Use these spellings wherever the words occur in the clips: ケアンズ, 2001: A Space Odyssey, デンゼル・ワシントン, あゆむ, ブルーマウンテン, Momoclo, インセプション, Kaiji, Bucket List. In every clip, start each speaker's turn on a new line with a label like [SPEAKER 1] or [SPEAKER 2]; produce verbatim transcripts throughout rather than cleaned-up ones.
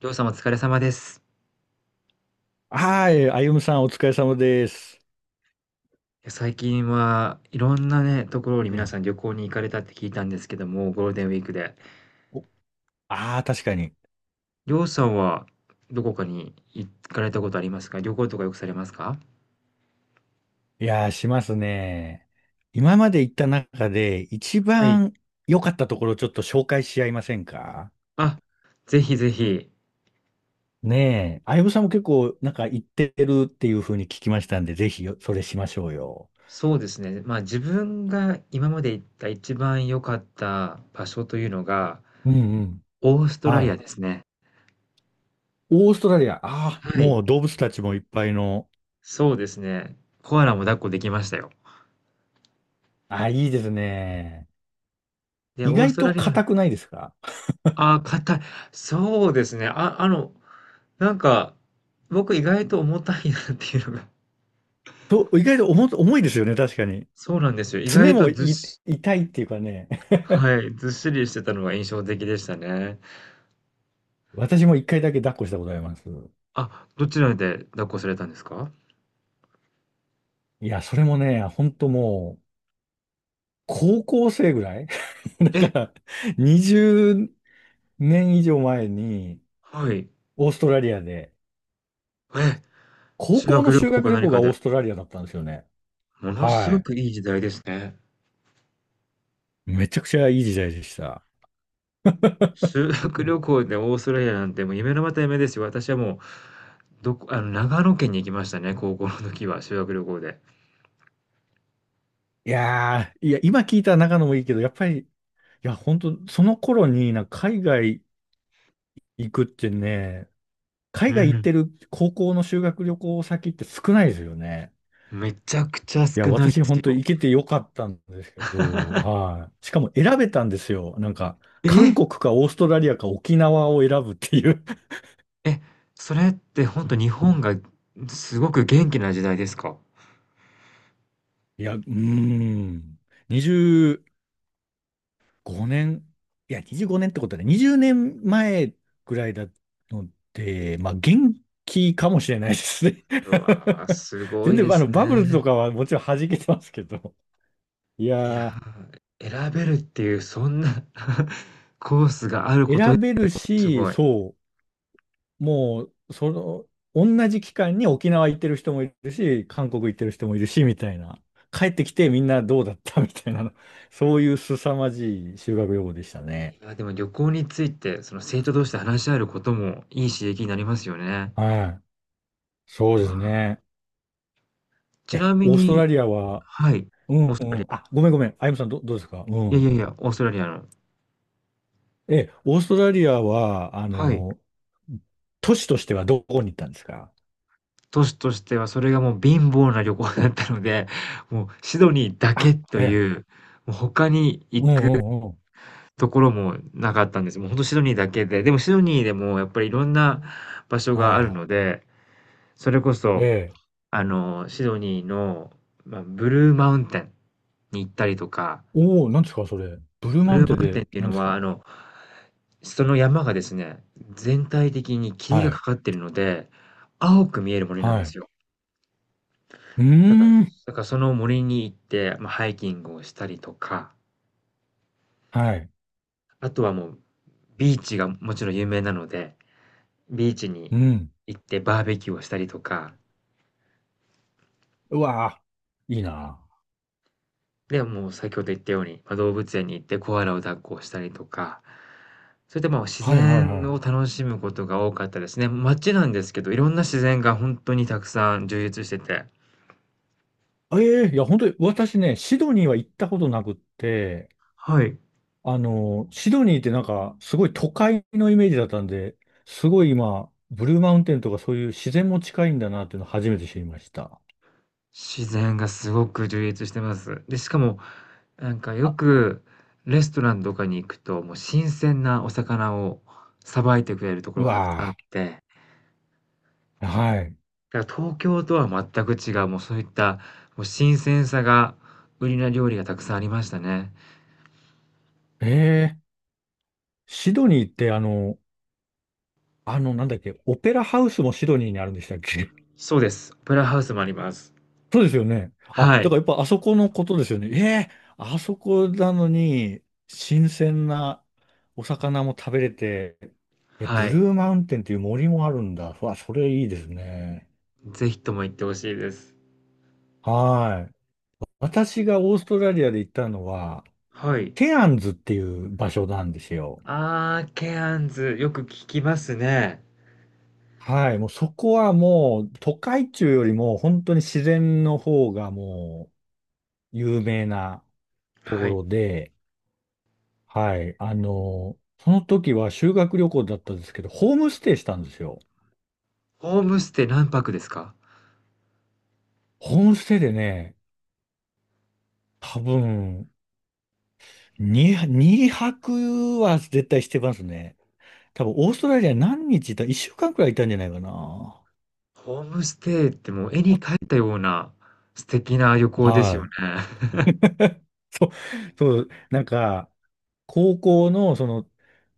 [SPEAKER 1] りょうさんお疲れ様です。
[SPEAKER 2] はい、あゆむさんお疲れ様です。
[SPEAKER 1] いや、最近はいろんなね、ところ
[SPEAKER 2] う
[SPEAKER 1] に皆
[SPEAKER 2] ん。
[SPEAKER 1] さん旅行に行かれたって聞いたんですけども、ゴールデンウィークで。
[SPEAKER 2] ああー、確かに。
[SPEAKER 1] りょうさんはどこかに行かれたことありますか？旅行とかよくされますか？
[SPEAKER 2] いやー、しますね。今まで行った中で一
[SPEAKER 1] はい。
[SPEAKER 2] 番良かったところをちょっと紹介し合いませんか？
[SPEAKER 1] あ、ぜひぜひ。
[SPEAKER 2] ねえ。あゆむさんも結構なんか行ってるっていうふうに聞きましたんで、ぜひよそれしましょうよ。
[SPEAKER 1] そうですね。まあ自分が今まで行った一番良かった場所というのが、
[SPEAKER 2] うんうん。
[SPEAKER 1] オーストラ
[SPEAKER 2] は
[SPEAKER 1] リア
[SPEAKER 2] い。
[SPEAKER 1] ですね。
[SPEAKER 2] オーストラリア、ああ、
[SPEAKER 1] はい。
[SPEAKER 2] もう動物たちもいっぱいの。
[SPEAKER 1] そうですね。コアラも抱っこできましたよ。
[SPEAKER 2] ああ、いいですね。
[SPEAKER 1] で、
[SPEAKER 2] 意
[SPEAKER 1] オース
[SPEAKER 2] 外
[SPEAKER 1] トラ
[SPEAKER 2] と
[SPEAKER 1] リア。
[SPEAKER 2] 硬くないですか？
[SPEAKER 1] ああ、硬い。そうですね。あ、あの、なんか、僕意外と重たいなっていうのが
[SPEAKER 2] と、意外と重、重いですよね、確かに。
[SPEAKER 1] そうなんですよ。意
[SPEAKER 2] 爪
[SPEAKER 1] 外と
[SPEAKER 2] も
[SPEAKER 1] ずっ
[SPEAKER 2] い
[SPEAKER 1] し
[SPEAKER 2] 痛いっていうかね、
[SPEAKER 1] はい、ずっしりしてたのが印象的でしたね。
[SPEAKER 2] 私も一回だけ抱っこしたことあります。
[SPEAKER 1] あ、どちらで抱っこされたんですか？
[SPEAKER 2] いや、それもね、本当もう、高校生ぐらい だか
[SPEAKER 1] え、
[SPEAKER 2] ら、にじゅうねん以上前に、
[SPEAKER 1] はい。
[SPEAKER 2] オーストラリアで、
[SPEAKER 1] え、
[SPEAKER 2] 高
[SPEAKER 1] 修
[SPEAKER 2] 校
[SPEAKER 1] 学
[SPEAKER 2] の
[SPEAKER 1] 旅
[SPEAKER 2] 修
[SPEAKER 1] 行
[SPEAKER 2] 学
[SPEAKER 1] か
[SPEAKER 2] 旅
[SPEAKER 1] 何
[SPEAKER 2] 行が
[SPEAKER 1] か
[SPEAKER 2] オー
[SPEAKER 1] で。
[SPEAKER 2] ストラリアだったんですよね。
[SPEAKER 1] ものす
[SPEAKER 2] は
[SPEAKER 1] ご
[SPEAKER 2] い。
[SPEAKER 1] くいい時代ですね。
[SPEAKER 2] めちゃくちゃいい時代でした。
[SPEAKER 1] 修学旅行でオーストラリアなんてもう夢のまた夢ですよ。私はもう、どこあの、長野県に行きましたね、高校の時は、修学旅行で。
[SPEAKER 2] いやー、いや、今聞いた中野もいいけど、やっぱり、いや、本当その頃になんか海外行くってね、
[SPEAKER 1] う
[SPEAKER 2] 海外行っ
[SPEAKER 1] ん、
[SPEAKER 2] てる高校の修学旅行先って少ないですよね。
[SPEAKER 1] めちゃくちゃ
[SPEAKER 2] いや、
[SPEAKER 1] 少ないで
[SPEAKER 2] 私
[SPEAKER 1] す
[SPEAKER 2] 本当に
[SPEAKER 1] よ。
[SPEAKER 2] 行けてよかったんですけど、はい。しかも選べたんですよ。なんか、
[SPEAKER 1] え！
[SPEAKER 2] 韓国かオーストラリアか沖縄を選ぶっていう。
[SPEAKER 1] え、それってほんと日本がすごく元気な時代ですか？
[SPEAKER 2] いや、うーん。にじゅうごねん、いや、にじゅうごねんってことはね、にじゅうねんまえぐらいだので、まあ、元気かもしれないですね。
[SPEAKER 1] うわー、すご
[SPEAKER 2] 全
[SPEAKER 1] いで
[SPEAKER 2] 然、あ
[SPEAKER 1] す
[SPEAKER 2] の、
[SPEAKER 1] ね。
[SPEAKER 2] バブルとかはもちろん弾けてますけど。い
[SPEAKER 1] いや
[SPEAKER 2] や
[SPEAKER 1] ー、選べるっていうそんな コースがある
[SPEAKER 2] ー、
[SPEAKER 1] こと、
[SPEAKER 2] 選べる
[SPEAKER 1] す
[SPEAKER 2] し、
[SPEAKER 1] ごい。
[SPEAKER 2] そうもう、その、同じ期間に沖縄行ってる人もいるし、韓国行ってる人もいるし、みたいな。帰ってきてみんなどうだったみたいな、そういう凄まじい修学旅行でしたね。
[SPEAKER 1] いや、でも旅行について、その生徒同士で話し合えることもいい刺激になりますよね。
[SPEAKER 2] はい。そう
[SPEAKER 1] う
[SPEAKER 2] で
[SPEAKER 1] わ
[SPEAKER 2] す
[SPEAKER 1] ー、
[SPEAKER 2] ね。
[SPEAKER 1] ち
[SPEAKER 2] え、
[SPEAKER 1] なみ
[SPEAKER 2] オースト
[SPEAKER 1] に
[SPEAKER 2] ラリアは、
[SPEAKER 1] はい、
[SPEAKER 2] う
[SPEAKER 1] オー
[SPEAKER 2] ん
[SPEAKER 1] ス
[SPEAKER 2] う
[SPEAKER 1] トラリ
[SPEAKER 2] ん。
[SPEAKER 1] ア。
[SPEAKER 2] あ、ごめんごめん。あゆむさん、ど、どうですか？う
[SPEAKER 1] いやいや
[SPEAKER 2] ん。
[SPEAKER 1] いや、オーストラリアの
[SPEAKER 2] え、オーストラリアは、あ
[SPEAKER 1] はい。
[SPEAKER 2] の、都市としてはどこに行ったんですか？
[SPEAKER 1] 都市としてはそれがもう貧乏な旅行だったので、もうシドニーだけ
[SPEAKER 2] あ、
[SPEAKER 1] と
[SPEAKER 2] ええ。
[SPEAKER 1] いう、もう他に
[SPEAKER 2] う
[SPEAKER 1] 行
[SPEAKER 2] んう
[SPEAKER 1] く
[SPEAKER 2] んうん。
[SPEAKER 1] ところもなかったんです。もうほんとシドニーだけで、でもシドニーでもやっぱりいろんな場所が
[SPEAKER 2] は
[SPEAKER 1] ある
[SPEAKER 2] い。
[SPEAKER 1] ので、それこ
[SPEAKER 2] え
[SPEAKER 1] そ、
[SPEAKER 2] え。
[SPEAKER 1] あの、シドニーの、まあ、ブルーマウンテンに行ったりとか、
[SPEAKER 2] おお、なんですか、それ。ブルー
[SPEAKER 1] ブ
[SPEAKER 2] マウン
[SPEAKER 1] ルー
[SPEAKER 2] テ
[SPEAKER 1] マ
[SPEAKER 2] ン
[SPEAKER 1] ウンテンっ
[SPEAKER 2] で、
[SPEAKER 1] ていう
[SPEAKER 2] なん
[SPEAKER 1] の
[SPEAKER 2] です
[SPEAKER 1] は、
[SPEAKER 2] か？
[SPEAKER 1] あの、その山がですね、全体的に
[SPEAKER 2] は
[SPEAKER 1] 霧がか
[SPEAKER 2] い。
[SPEAKER 1] かってるので、青く見える森なん
[SPEAKER 2] は
[SPEAKER 1] で
[SPEAKER 2] い。
[SPEAKER 1] すよ。
[SPEAKER 2] うー
[SPEAKER 1] だから
[SPEAKER 2] ん。
[SPEAKER 1] だからその森に行って、まあ、ハイキングをしたりとか、
[SPEAKER 2] はい。
[SPEAKER 1] あとはもうビーチがもちろん有名なので、ビーチに
[SPEAKER 2] うん。
[SPEAKER 1] 行ってバーベキューをしたりとか、
[SPEAKER 2] うわーいいな。
[SPEAKER 1] で、もう先ほど言ったように、まあ、動物園に行ってコアラを抱っこしたりとか、それでもう自
[SPEAKER 2] はいはい
[SPEAKER 1] 然
[SPEAKER 2] はい。
[SPEAKER 1] を楽しむことが多かったですね。街なんですけど、いろんな自然が本当にたくさん充実してて
[SPEAKER 2] ええいや、本当に、私ね、シドニーは行ったことなくって、
[SPEAKER 1] はい。
[SPEAKER 2] あの、シドニーってなんか、すごい都会のイメージだったんで、すごい今、ブルーマウンテンとかそういう自然も近いんだなっていうのを初めて知りました。
[SPEAKER 1] 自然がすごく充実してます。で、しかもなんかよ
[SPEAKER 2] あ、
[SPEAKER 1] くレストランとかに行くと、もう新鮮なお魚をさばいてくれるとこ
[SPEAKER 2] う
[SPEAKER 1] ろがたくさんあ
[SPEAKER 2] わ
[SPEAKER 1] って、
[SPEAKER 2] あ。はい。
[SPEAKER 1] だから東京とは全く違う、もうそういった、もう新鮮さが売りな料理がたくさんありましたね。
[SPEAKER 2] ええシドニーってあの、あの、なんだっけ、オペラハウスもシドニーにあるんでしたっけ？
[SPEAKER 1] そうです。オペラハウスもあります。
[SPEAKER 2] そうですよね。あ、
[SPEAKER 1] は
[SPEAKER 2] だ
[SPEAKER 1] い、
[SPEAKER 2] からやっぱあそこのことですよね。ええあそこなのに、新鮮なお魚も食べれて、え、ブ
[SPEAKER 1] はい。
[SPEAKER 2] ルーマウンテンっていう森もあるんだ。うわ、それいいですね。
[SPEAKER 1] ぜひとも行ってほしいです。
[SPEAKER 2] はい。私がオーストラリアで行ったのは、
[SPEAKER 1] はい。
[SPEAKER 2] ケアンズっていう場所なんですよ。
[SPEAKER 1] ああ、ケアンズ、よく聞きますね。
[SPEAKER 2] はい。もうそこはもう、都会中よりも本当に自然の方がもう有名なとこ
[SPEAKER 1] はい。
[SPEAKER 2] ろで、はい。あの、その時は修学旅行だったんですけど、ホームステイしたんですよ。
[SPEAKER 1] ホームステイ何泊ですか？
[SPEAKER 2] ホームステイでね、多分、に、二泊は絶対してますね。多分、オーストラリア何日いた ?いっ 週間くらいいたんじゃないかな。
[SPEAKER 1] ホームステイってもう絵に描いたような素敵な旅行です
[SPEAKER 2] は
[SPEAKER 1] よね。
[SPEAKER 2] い。そう、そう、なんか、高校の、その、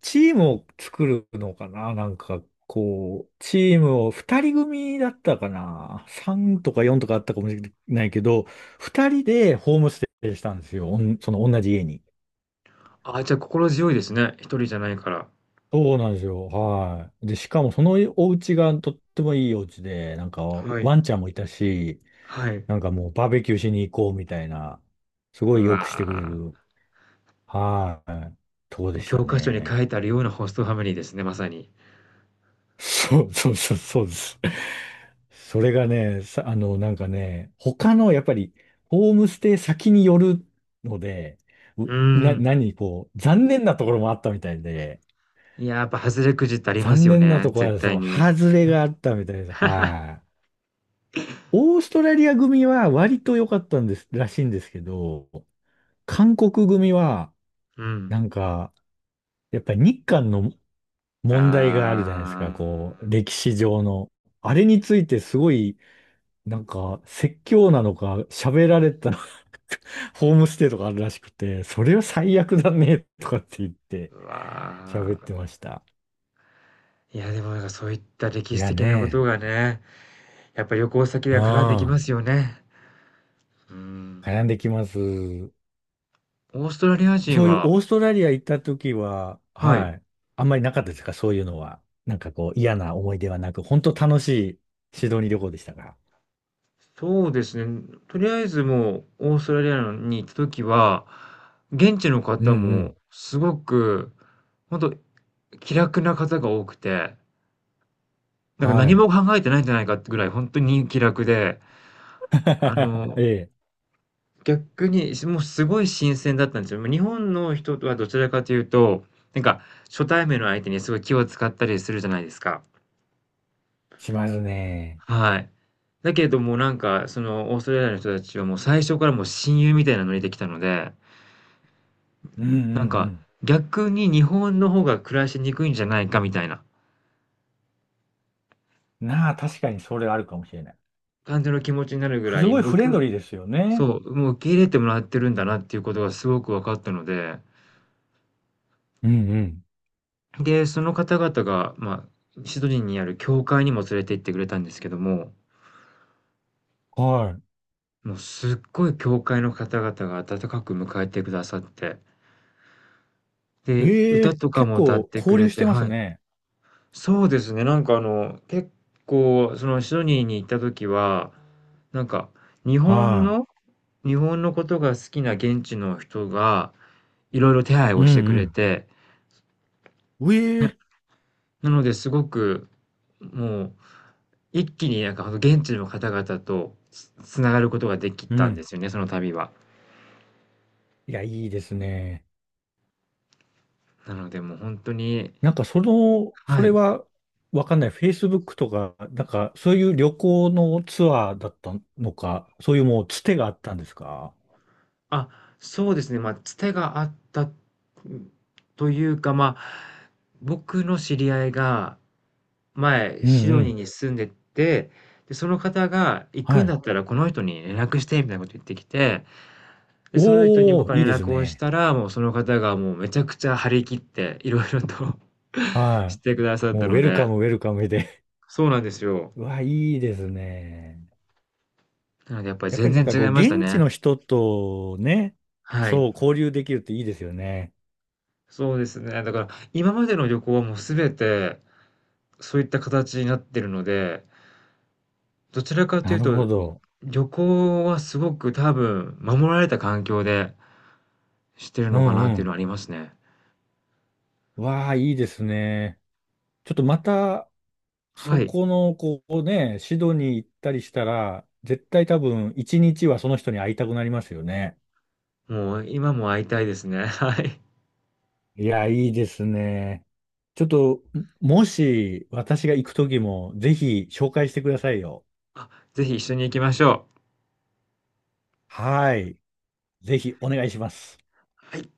[SPEAKER 2] チームを作るのかななんか、こう、チームをふたり組だったかな ?さん とかよんとかあったかもしれないけど、ふたりでホームステイしたんですよ。おんその同じ家に。
[SPEAKER 1] あ、じゃあ心強いですね。一人じゃないから。
[SPEAKER 2] そうなんですよ。はい。で、しかもそのお家がとってもいいお家で、なんか
[SPEAKER 1] はい。
[SPEAKER 2] ワンちゃんもいたし、
[SPEAKER 1] はい。
[SPEAKER 2] なんかもうバーベキューしに行こうみたいな、す
[SPEAKER 1] う
[SPEAKER 2] ごいよくしてくれ
[SPEAKER 1] わ
[SPEAKER 2] る、はい、とこで
[SPEAKER 1] ー、
[SPEAKER 2] した
[SPEAKER 1] 教科書に
[SPEAKER 2] ね。
[SPEAKER 1] 書いてあるようなホストファミリーですね、まさに。
[SPEAKER 2] そうそうそう、そうです。それがね、さ、あの、なんかね、他のやっぱりホームステイ先によるので、
[SPEAKER 1] う
[SPEAKER 2] う
[SPEAKER 1] ー
[SPEAKER 2] な、
[SPEAKER 1] ん。
[SPEAKER 2] 何、こう、残念なところもあったみたいで、
[SPEAKER 1] いや、やっぱ外れくじってあります
[SPEAKER 2] 残
[SPEAKER 1] よ
[SPEAKER 2] 念な
[SPEAKER 1] ね、
[SPEAKER 2] ところ
[SPEAKER 1] 絶
[SPEAKER 2] は、
[SPEAKER 1] 対
[SPEAKER 2] そう、
[SPEAKER 1] に。
[SPEAKER 2] 外れがあったみたいです。はい。オーストラリア組は割と良かったんです、らしいんですけど、韓国組は、
[SPEAKER 1] うん。
[SPEAKER 2] なんか、やっぱり日韓の問題があるじゃないです
[SPEAKER 1] あ
[SPEAKER 2] か、こう、歴史上の。あれについてすごい、なんか、説教なのか、喋られたのか ホームステイとかあるらしくて、それは最悪だね、とかって言っ
[SPEAKER 1] あ、
[SPEAKER 2] て
[SPEAKER 1] う
[SPEAKER 2] 喋って
[SPEAKER 1] わ
[SPEAKER 2] ました。
[SPEAKER 1] ー。いや、でもなんかそういった
[SPEAKER 2] い
[SPEAKER 1] 歴史
[SPEAKER 2] や
[SPEAKER 1] 的なこと
[SPEAKER 2] ね、
[SPEAKER 1] がね、やっぱ旅行先で
[SPEAKER 2] う
[SPEAKER 1] は絡んできま
[SPEAKER 2] ん、
[SPEAKER 1] すよね。うーん。
[SPEAKER 2] 悩んできます。
[SPEAKER 1] オーストラリア人
[SPEAKER 2] そういう
[SPEAKER 1] は
[SPEAKER 2] オーストラリア行った時は、
[SPEAKER 1] はい。
[SPEAKER 2] はい、あんまりなかったですか？そういうのは。なんかこう、嫌な思い出はなく、本当楽しいシドニー旅行でしたか？
[SPEAKER 1] そうですね。とりあえずもうオーストラリアに行った時は、現地の
[SPEAKER 2] うん
[SPEAKER 1] 方
[SPEAKER 2] う
[SPEAKER 1] も
[SPEAKER 2] ん。
[SPEAKER 1] すごく、本当気楽な方が多くて、なんか
[SPEAKER 2] は
[SPEAKER 1] 何
[SPEAKER 2] い。
[SPEAKER 1] も考えてないんじゃないかってぐらい本当に気楽で、あ の、
[SPEAKER 2] ええ、
[SPEAKER 1] 逆にもうすごい新鮮だったんですよ。日本の人とはどちらかというと、なんか初対面の相手にすごい気を使ったりするじゃないですか。
[SPEAKER 2] しますね。
[SPEAKER 1] はい。だけどもなんかそのオーストラリアの人たちはもう最初からもう親友みたいなノリで来たので、
[SPEAKER 2] うんう
[SPEAKER 1] なん
[SPEAKER 2] ん
[SPEAKER 1] か、
[SPEAKER 2] う
[SPEAKER 1] 逆に日本の方が暮らしにくいんじゃないかみたいな
[SPEAKER 2] ん。なあ、確かにそれあるかもしれない。
[SPEAKER 1] 感じの気持ちになるぐら
[SPEAKER 2] す
[SPEAKER 1] い、
[SPEAKER 2] ごい
[SPEAKER 1] もう、
[SPEAKER 2] フレン
[SPEAKER 1] く
[SPEAKER 2] ドリーですよね。
[SPEAKER 1] そう、もう受け入れてもらってるんだなっていうことがすごく分かったので、
[SPEAKER 2] うんうん
[SPEAKER 1] で、その方々が、まあ、シドニーにある教会にも連れて行ってくれたんですけども、
[SPEAKER 2] は
[SPEAKER 1] もうすっごい教会の方々が温かく迎えてくださって、
[SPEAKER 2] い。
[SPEAKER 1] で、
[SPEAKER 2] え
[SPEAKER 1] 歌
[SPEAKER 2] え、
[SPEAKER 1] とか
[SPEAKER 2] 結
[SPEAKER 1] も歌っ
[SPEAKER 2] 構
[SPEAKER 1] てく
[SPEAKER 2] 交流
[SPEAKER 1] れ
[SPEAKER 2] し
[SPEAKER 1] て
[SPEAKER 2] てます
[SPEAKER 1] はい。
[SPEAKER 2] ね。
[SPEAKER 1] そうですね。なんかあの、結構、そのシドニーに行った時は、なんか日本
[SPEAKER 2] は
[SPEAKER 1] の、日本のことが好きな現地の人がいろいろ手配
[SPEAKER 2] い。う
[SPEAKER 1] をしてくれ
[SPEAKER 2] ん
[SPEAKER 1] て、
[SPEAKER 2] うん。え
[SPEAKER 1] な、
[SPEAKER 2] え。
[SPEAKER 1] なのですごくもう一気になんか現地の方々とつ、つながることができ
[SPEAKER 2] う
[SPEAKER 1] たんで
[SPEAKER 2] ん。
[SPEAKER 1] すよね、その旅は。
[SPEAKER 2] いや、いいですね。
[SPEAKER 1] なのでもう本当に、
[SPEAKER 2] なんかその、
[SPEAKER 1] は
[SPEAKER 2] それ
[SPEAKER 1] い。
[SPEAKER 2] はわかんない。Facebook とか、なんかそういう旅行のツアーだったのか、そういうもうつてがあったんですか？
[SPEAKER 1] あ、そうですね。まあ、つてがあったというか、まあ、僕の知り合いが、前、
[SPEAKER 2] う
[SPEAKER 1] シ
[SPEAKER 2] ん
[SPEAKER 1] ド
[SPEAKER 2] う
[SPEAKER 1] ニー
[SPEAKER 2] ん。
[SPEAKER 1] に住んでて、で、その方が行
[SPEAKER 2] は
[SPEAKER 1] くんだ
[SPEAKER 2] い。
[SPEAKER 1] ったらこの人に連絡してみたいなこと言ってきて、で、その人に
[SPEAKER 2] お
[SPEAKER 1] 僕
[SPEAKER 2] ー、
[SPEAKER 1] は
[SPEAKER 2] いい
[SPEAKER 1] 連
[SPEAKER 2] です
[SPEAKER 1] 絡をし
[SPEAKER 2] ね。
[SPEAKER 1] たら、もうその方がもうめちゃくちゃ張り切っていろいろと し
[SPEAKER 2] は
[SPEAKER 1] てくださっ
[SPEAKER 2] い。も
[SPEAKER 1] た
[SPEAKER 2] うウ
[SPEAKER 1] の
[SPEAKER 2] ェル
[SPEAKER 1] で、
[SPEAKER 2] カム、ウェルカムで。
[SPEAKER 1] そうなんですよ。
[SPEAKER 2] うわ、いいですね。
[SPEAKER 1] なのでやっぱり
[SPEAKER 2] やっぱ
[SPEAKER 1] 全
[SPEAKER 2] りなん
[SPEAKER 1] 然
[SPEAKER 2] か
[SPEAKER 1] 違
[SPEAKER 2] こ
[SPEAKER 1] い
[SPEAKER 2] う、
[SPEAKER 1] ました
[SPEAKER 2] 現地
[SPEAKER 1] ね。
[SPEAKER 2] の人とね、
[SPEAKER 1] はい。
[SPEAKER 2] そう、交流できるっていいですよね。
[SPEAKER 1] そうですね。だから今までの旅行はもう全てそういった形になってるので、どちらかと
[SPEAKER 2] な
[SPEAKER 1] いう
[SPEAKER 2] るほ
[SPEAKER 1] と、
[SPEAKER 2] ど。
[SPEAKER 1] 旅行はすごく多分守られた環境でしてる
[SPEAKER 2] う
[SPEAKER 1] のかなっ
[SPEAKER 2] ん
[SPEAKER 1] ていうのは
[SPEAKER 2] う
[SPEAKER 1] ありますね。
[SPEAKER 2] ん。わあ、いいですね。ちょっとまた、
[SPEAKER 1] は
[SPEAKER 2] そ
[SPEAKER 1] い。
[SPEAKER 2] この、こうね、シドニー行ったりしたら、絶対多分、一日はその人に会いたくなりますよね。
[SPEAKER 1] もう今も会いたいですね。はい。
[SPEAKER 2] いや、いいですね。ちょっと、もし、私が行くときも、ぜひ、紹介してくださいよ。
[SPEAKER 1] あ、ぜひ一緒に行きましょ
[SPEAKER 2] はい。ぜひ、お願いします。
[SPEAKER 1] う。はい。